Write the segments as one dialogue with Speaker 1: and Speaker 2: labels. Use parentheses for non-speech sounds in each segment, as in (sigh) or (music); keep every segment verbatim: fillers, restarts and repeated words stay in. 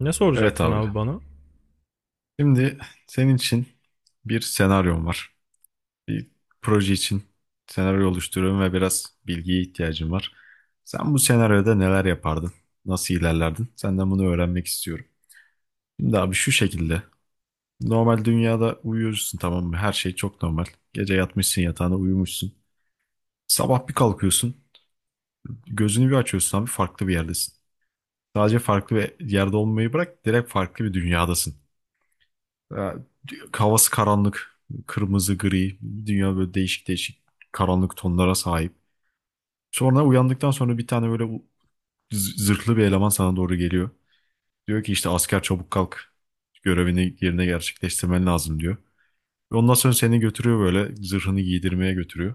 Speaker 1: Ne
Speaker 2: Evet
Speaker 1: soracaktın
Speaker 2: abi.
Speaker 1: abi bana?
Speaker 2: Şimdi senin için bir senaryom var. Bir proje için senaryo oluşturuyorum ve biraz bilgiye ihtiyacım var. Sen bu senaryoda neler yapardın? Nasıl ilerlerdin? Senden bunu öğrenmek istiyorum. Şimdi abi şu şekilde. Normal dünyada uyuyorsun, tamam mı? Her şey çok normal. Gece yatmışsın yatağına, uyumuşsun. Sabah bir kalkıyorsun. Gözünü bir açıyorsun, abi farklı bir yerdesin. Sadece farklı bir yerde olmayı bırak, direkt farklı bir dünyadasın. Ya, havası karanlık. Kırmızı, gri. Dünya böyle değişik değişik karanlık tonlara sahip. Sonra uyandıktan sonra bir tane böyle u- z- zırhlı bir eleman sana doğru geliyor. Diyor ki işte asker çabuk kalk. Görevini yerine gerçekleştirmen lazım diyor. Ve ondan sonra seni götürüyor, böyle zırhını giydirmeye götürüyor.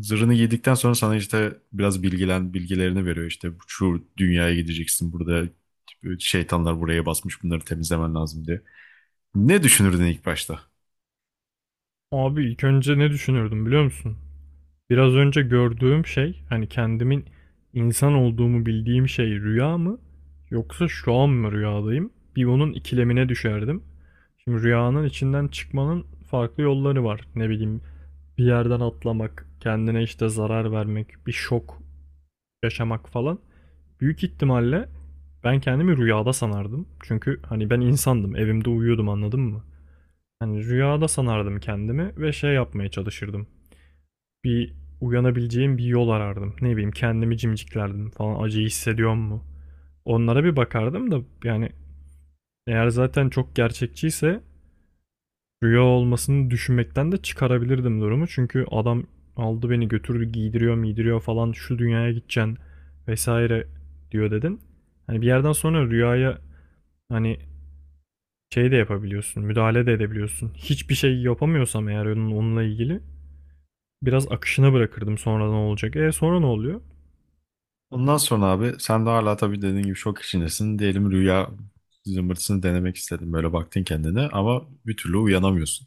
Speaker 2: Zırhını giydikten sonra sana işte biraz bilgilen bilgilerini veriyor. İşte şu dünyaya gideceksin, burada şeytanlar buraya basmış, bunları temizlemen lazım diye. Ne düşünürdün ilk başta?
Speaker 1: Abi ilk önce ne düşünürdüm biliyor musun? Biraz önce gördüğüm şey, hani kendimin insan olduğumu bildiğim şey rüya mı? Yoksa şu an mı rüyadayım? Bir onun ikilemine düşerdim. Şimdi rüyanın içinden çıkmanın farklı yolları var. Ne bileyim, bir yerden atlamak, kendine işte zarar vermek, bir şok yaşamak falan. Büyük ihtimalle ben kendimi rüyada sanardım. Çünkü hani ben insandım, evimde uyuyordum, anladın mı? Hani rüyada sanardım kendimi ve şey yapmaya çalışırdım. Bir uyanabileceğim bir yol arardım. Ne bileyim, kendimi cimciklerdim falan, acıyı hissediyor mu? Onlara bir bakardım da. Yani eğer zaten çok gerçekçiyse rüya olmasını düşünmekten de çıkarabilirdim durumu. Çünkü adam aldı beni götürdü, giydiriyor miydiriyor falan, şu dünyaya gideceksin vesaire diyor dedin. Hani bir yerden sonra rüyaya hani şey de yapabiliyorsun, müdahale de edebiliyorsun. Hiçbir şey yapamıyorsam eğer onun, onunla ilgili biraz akışına bırakırdım, sonra ne olacak. E sonra ne oluyor?
Speaker 2: Ondan sonra abi sen de hala tabii dediğin gibi şok içindesin. Diyelim rüya zımbırtısını denemek istedin. Böyle baktın kendine ama bir türlü uyanamıyorsun.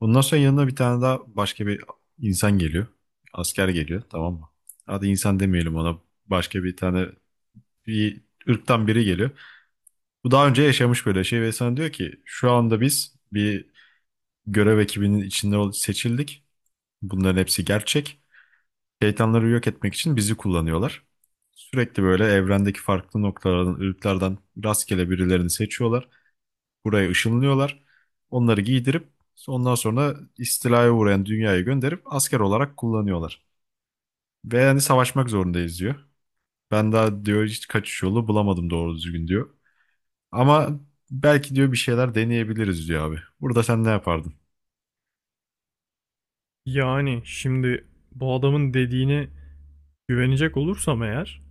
Speaker 2: Ondan sonra yanına bir tane daha başka bir insan geliyor. Asker geliyor, tamam mı? Hadi insan demeyelim ona. Başka bir tane bir ırktan biri geliyor. Bu daha önce yaşamış böyle şey ve sana diyor ki şu anda biz bir görev ekibinin içinde ol- seçildik. Bunların hepsi gerçek. Şeytanları yok etmek için bizi kullanıyorlar. Sürekli böyle evrendeki farklı noktalardan, ırklardan rastgele birilerini seçiyorlar. Buraya ışınlıyorlar. Onları giydirip ondan sonra istilaya uğrayan dünyaya gönderip asker olarak kullanıyorlar. Ve yani savaşmak zorundayız diyor. Ben daha diyor hiç kaçış yolu bulamadım doğru düzgün diyor. Ama belki diyor bir şeyler deneyebiliriz diyor abi. Burada sen ne yapardın?
Speaker 1: Yani şimdi bu adamın dediğine güvenecek olursam eğer,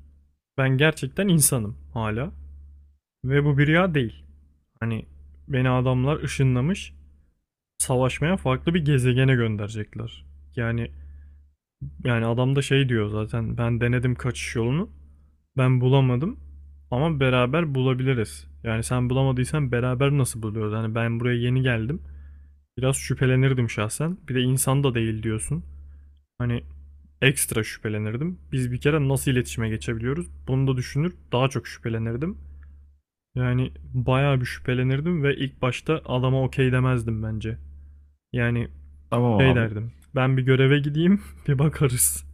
Speaker 1: ben gerçekten insanım hala. Ve bu bir rüya değil. Hani beni adamlar ışınlamış, savaşmaya farklı bir gezegene gönderecekler. Yani yani adam da şey diyor zaten, ben denedim kaçış yolunu. Ben bulamadım ama beraber bulabiliriz. Yani sen bulamadıysan beraber nasıl buluyoruz? Hani ben buraya yeni geldim. Biraz şüphelenirdim şahsen. Bir de insan da değil diyorsun. Hani ekstra şüphelenirdim. Biz bir kere nasıl iletişime geçebiliyoruz? Bunu da düşünür, daha çok şüphelenirdim. Yani bayağı bir şüphelenirdim ve ilk başta adama okey demezdim bence. Yani
Speaker 2: Tamam
Speaker 1: şey
Speaker 2: abi.
Speaker 1: derdim. Ben bir göreve gideyim (laughs) bir bakarız.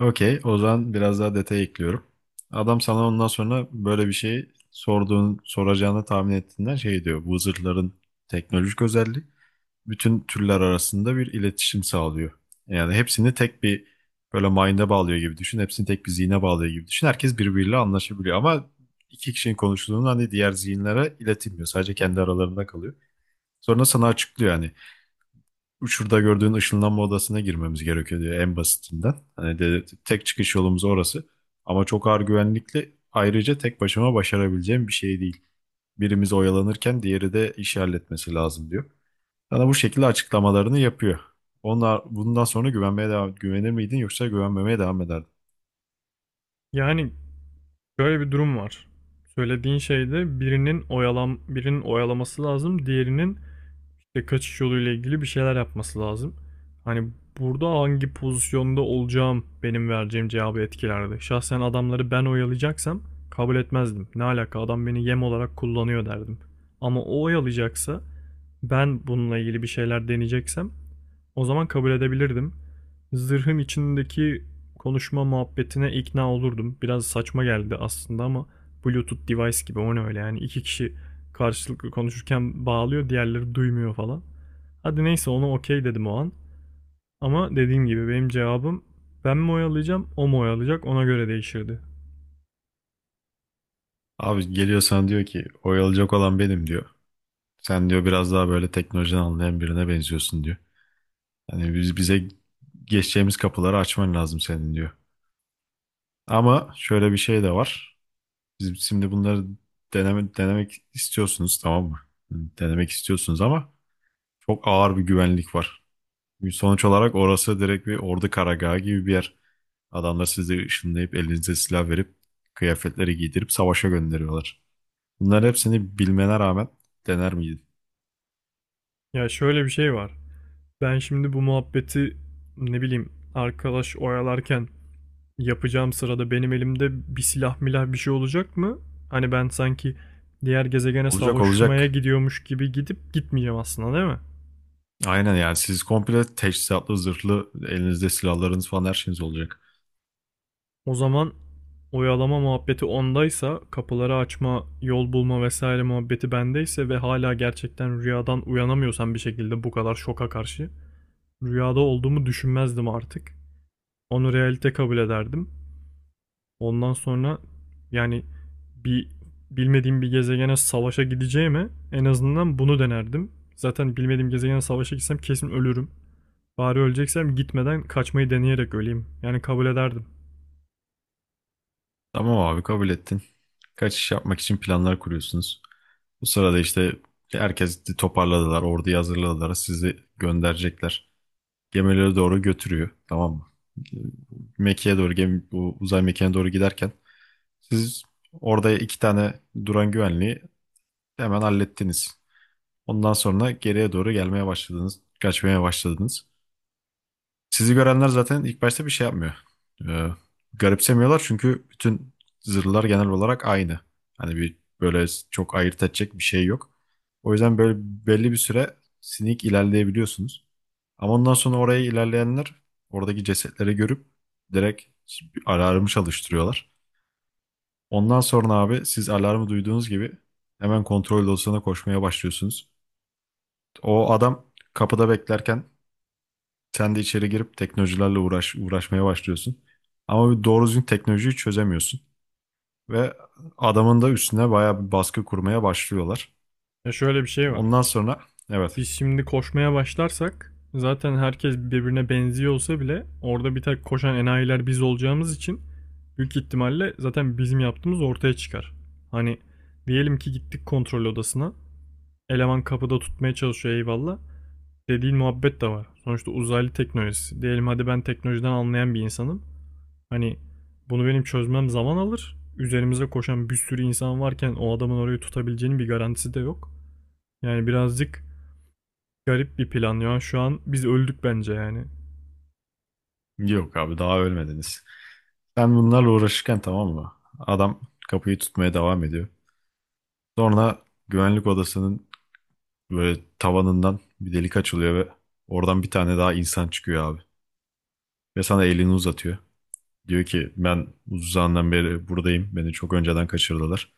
Speaker 2: Okey. O zaman biraz daha detay ekliyorum. Adam sana ondan sonra böyle bir şey sorduğun, soracağını tahmin ettiğinden şey diyor. Bu zırhların teknolojik özelliği bütün türler arasında bir iletişim sağlıyor. Yani hepsini tek bir böyle mind'e bağlıyor gibi düşün. Hepsini tek bir zihne bağlıyor gibi düşün. Herkes birbiriyle anlaşabiliyor ama iki kişinin konuştuğunu hani diğer zihinlere iletilmiyor. Sadece kendi aralarında kalıyor. Sonra sana açıklıyor yani. Şurada gördüğün ışınlanma odasına girmemiz gerekiyor diyor en basitinden. Hani de, tek çıkış yolumuz orası. Ama çok ağır güvenlikli. Ayrıca tek başıma başarabileceğim bir şey değil. Birimiz oyalanırken diğeri de işi halletmesi lazım diyor. Sana bu şekilde açıklamalarını yapıyor. Onlar bundan sonra güvenmeye devam, güvenir miydin yoksa güvenmemeye devam ederdin?
Speaker 1: Yani şöyle bir durum var. Söylediğin şeyde birinin oyalam birinin oyalaması lazım, diğerinin işte kaçış yoluyla ilgili bir şeyler yapması lazım. Hani burada hangi pozisyonda olacağım benim vereceğim cevabı etkilerdi. Şahsen adamları ben oyalayacaksam kabul etmezdim. Ne alaka, adam beni yem olarak kullanıyor derdim. Ama o oyalayacaksa, ben bununla ilgili bir şeyler deneyeceksem o zaman kabul edebilirdim. Zırhın içindeki konuşma muhabbetine ikna olurdum. Biraz saçma geldi aslında ama Bluetooth device gibi, o ne öyle yani, iki kişi karşılıklı konuşurken bağlıyor, diğerleri duymuyor falan. Hadi neyse, ona okey dedim o an. Ama dediğim gibi benim cevabım ben mi oyalayacağım o mu oyalayacak, ona göre değişirdi.
Speaker 2: Abi geliyorsan diyor ki oyalayacak olan benim diyor. Sen diyor biraz daha böyle teknolojiden anlayan birine benziyorsun diyor. Hani biz bize geçeceğimiz kapıları açman lazım senin diyor. Ama şöyle bir şey de var. Biz şimdi bunları deneme, denemek istiyorsunuz, tamam mı? Denemek istiyorsunuz ama çok ağır bir güvenlik var. Sonuç olarak orası direkt bir ordu karargahı gibi bir yer. Adamlar sizi ışınlayıp elinize silah verip kıyafetleri giydirip savaşa gönderiyorlar. Bunların hepsini bilmene rağmen dener miydin?
Speaker 1: Ya şöyle bir şey var. Ben şimdi bu muhabbeti, ne bileyim, arkadaş oyalarken yapacağım sırada benim elimde bir silah milah bir şey olacak mı? Hani ben sanki diğer gezegene
Speaker 2: Olacak
Speaker 1: savaşmaya
Speaker 2: olacak.
Speaker 1: gidiyormuş gibi gidip gitmeyeceğim aslında, değil mi?
Speaker 2: Aynen yani siz komple teçhizatlı, zırhlı, elinizde silahlarınız falan her şeyiniz olacak.
Speaker 1: O zaman oyalama muhabbeti ondaysa, kapıları açma, yol bulma vesaire muhabbeti bendeyse ve hala gerçekten rüyadan uyanamıyorsam bir şekilde, bu kadar şoka karşı rüyada olduğumu düşünmezdim artık. Onu realite kabul ederdim. Ondan sonra yani bir bilmediğim bir gezegene savaşa gideceğime en azından bunu denerdim. Zaten bilmediğim gezegene savaşa gitsem kesin ölürüm. Bari öleceksem gitmeden kaçmayı deneyerek öleyim. Yani kabul ederdim.
Speaker 2: Tamam abi kabul ettin. Kaçış yapmak için planlar kuruyorsunuz. Bu sırada işte herkes toparladılar, orduyu hazırladılar, sizi gönderecekler. Gemilere doğru götürüyor, tamam mı? Ee, Mekke'ye doğru, gemi, bu uzay mekiğine doğru giderken siz orada iki tane duran güvenliği hemen hallettiniz. Ondan sonra geriye doğru gelmeye başladınız, kaçmaya başladınız. Sizi görenler zaten ilk başta bir şey yapmıyor. Ee, garipsemiyorlar çünkü bütün zırhlar genel olarak aynı. Hani bir böyle çok ayırt edecek bir şey yok. O yüzden böyle belli bir süre sinik ilerleyebiliyorsunuz. Ama ondan sonra oraya ilerleyenler oradaki cesetleri görüp direkt bir alarmı çalıştırıyorlar. Ondan sonra abi siz alarmı duyduğunuz gibi hemen kontrol odasına koşmaya başlıyorsunuz. O adam kapıda beklerken sen de içeri girip teknolojilerle uğraş, uğraşmaya başlıyorsun. Ama bir doğru düzgün teknolojiyi çözemiyorsun. Ve adamın da üstüne bayağı bir baskı kurmaya başlıyorlar.
Speaker 1: Ya şöyle bir şey var.
Speaker 2: Ondan sonra evet,
Speaker 1: Biz şimdi koşmaya başlarsak zaten, herkes birbirine benziyor olsa bile, orada bir tek koşan enayiler biz olacağımız için büyük ihtimalle zaten bizim yaptığımız ortaya çıkar. Hani diyelim ki gittik kontrol odasına. Eleman kapıda tutmaya çalışıyor, eyvallah, dediğin muhabbet de var. Sonuçta uzaylı teknolojisi. Diyelim hadi ben teknolojiden anlayan bir insanım. Hani bunu benim çözmem zaman alır. Üzerimize koşan bir sürü insan varken o adamın orayı tutabileceğinin bir garantisi de yok. Yani birazcık garip bir plan ya. Şu an biz öldük bence yani.
Speaker 2: yok abi daha ölmediniz. Sen bunlarla uğraşırken, tamam mı? Adam kapıyı tutmaya devam ediyor. Sonra güvenlik odasının böyle tavanından bir delik açılıyor ve oradan bir tane daha insan çıkıyor abi. Ve sana elini uzatıyor. Diyor ki ben uzun zamandan beri buradayım. Beni çok önceden kaçırdılar.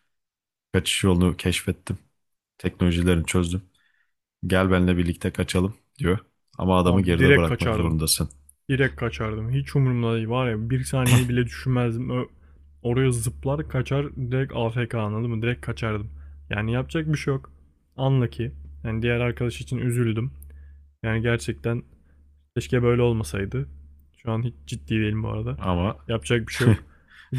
Speaker 2: Kaçış yolunu keşfettim. Teknolojilerini çözdüm. Gel benimle birlikte kaçalım diyor. Ama adamı
Speaker 1: Abi
Speaker 2: geride
Speaker 1: direkt
Speaker 2: bırakmak
Speaker 1: kaçardım.
Speaker 2: zorundasın.
Speaker 1: Direkt kaçardım. Hiç umurumda değil. Var ya, bir saniye bile düşünmezdim. Ö- Oraya zıplar kaçar, direkt A F K, anladın mı? Direkt kaçardım. Yani yapacak bir şey yok. Anla ki. Yani diğer arkadaş için üzüldüm. Yani gerçekten keşke böyle olmasaydı. Şu an hiç ciddi değilim bu arada.
Speaker 2: Ama
Speaker 1: Yapacak bir şey
Speaker 2: (laughs)
Speaker 1: yok.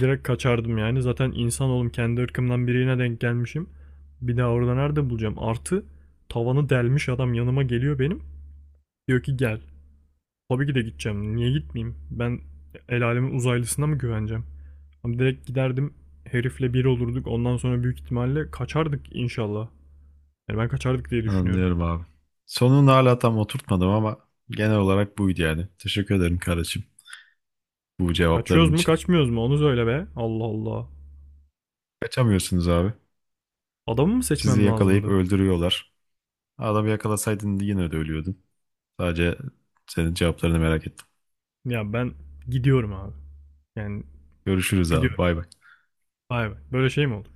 Speaker 1: Direkt kaçardım yani. Zaten insan oğlum, kendi ırkımdan birine denk gelmişim. Bir daha orada nerede bulacağım? Artı tavanı delmiş adam yanıma geliyor benim. Diyor ki gel. Tabii ki de gideceğim. Niye gitmeyeyim? Ben el alemin uzaylısına mı güveneceğim? Ama direkt giderdim. Herifle bir olurduk. Ondan sonra büyük ihtimalle kaçardık inşallah. Yani ben kaçardık diye düşünüyorum.
Speaker 2: anlıyorum abi. Sonunu hala tam oturtmadım ama genel olarak buydu yani. Teşekkür ederim kardeşim bu cevapların
Speaker 1: Kaçıyoruz mu
Speaker 2: için.
Speaker 1: kaçmıyoruz mu onu söyle be. Allah Allah.
Speaker 2: Kaçamıyorsunuz abi.
Speaker 1: Adamı mı
Speaker 2: Sizi
Speaker 1: seçmem
Speaker 2: yakalayıp
Speaker 1: lazımdı?
Speaker 2: öldürüyorlar. Adamı yakalasaydın yine de ölüyordun. Sadece senin cevaplarını merak ettim.
Speaker 1: Ya ben gidiyorum abi. Yani
Speaker 2: Görüşürüz abi.
Speaker 1: gidiyorum.
Speaker 2: Bay bay.
Speaker 1: Vay be. Böyle şey mi olur?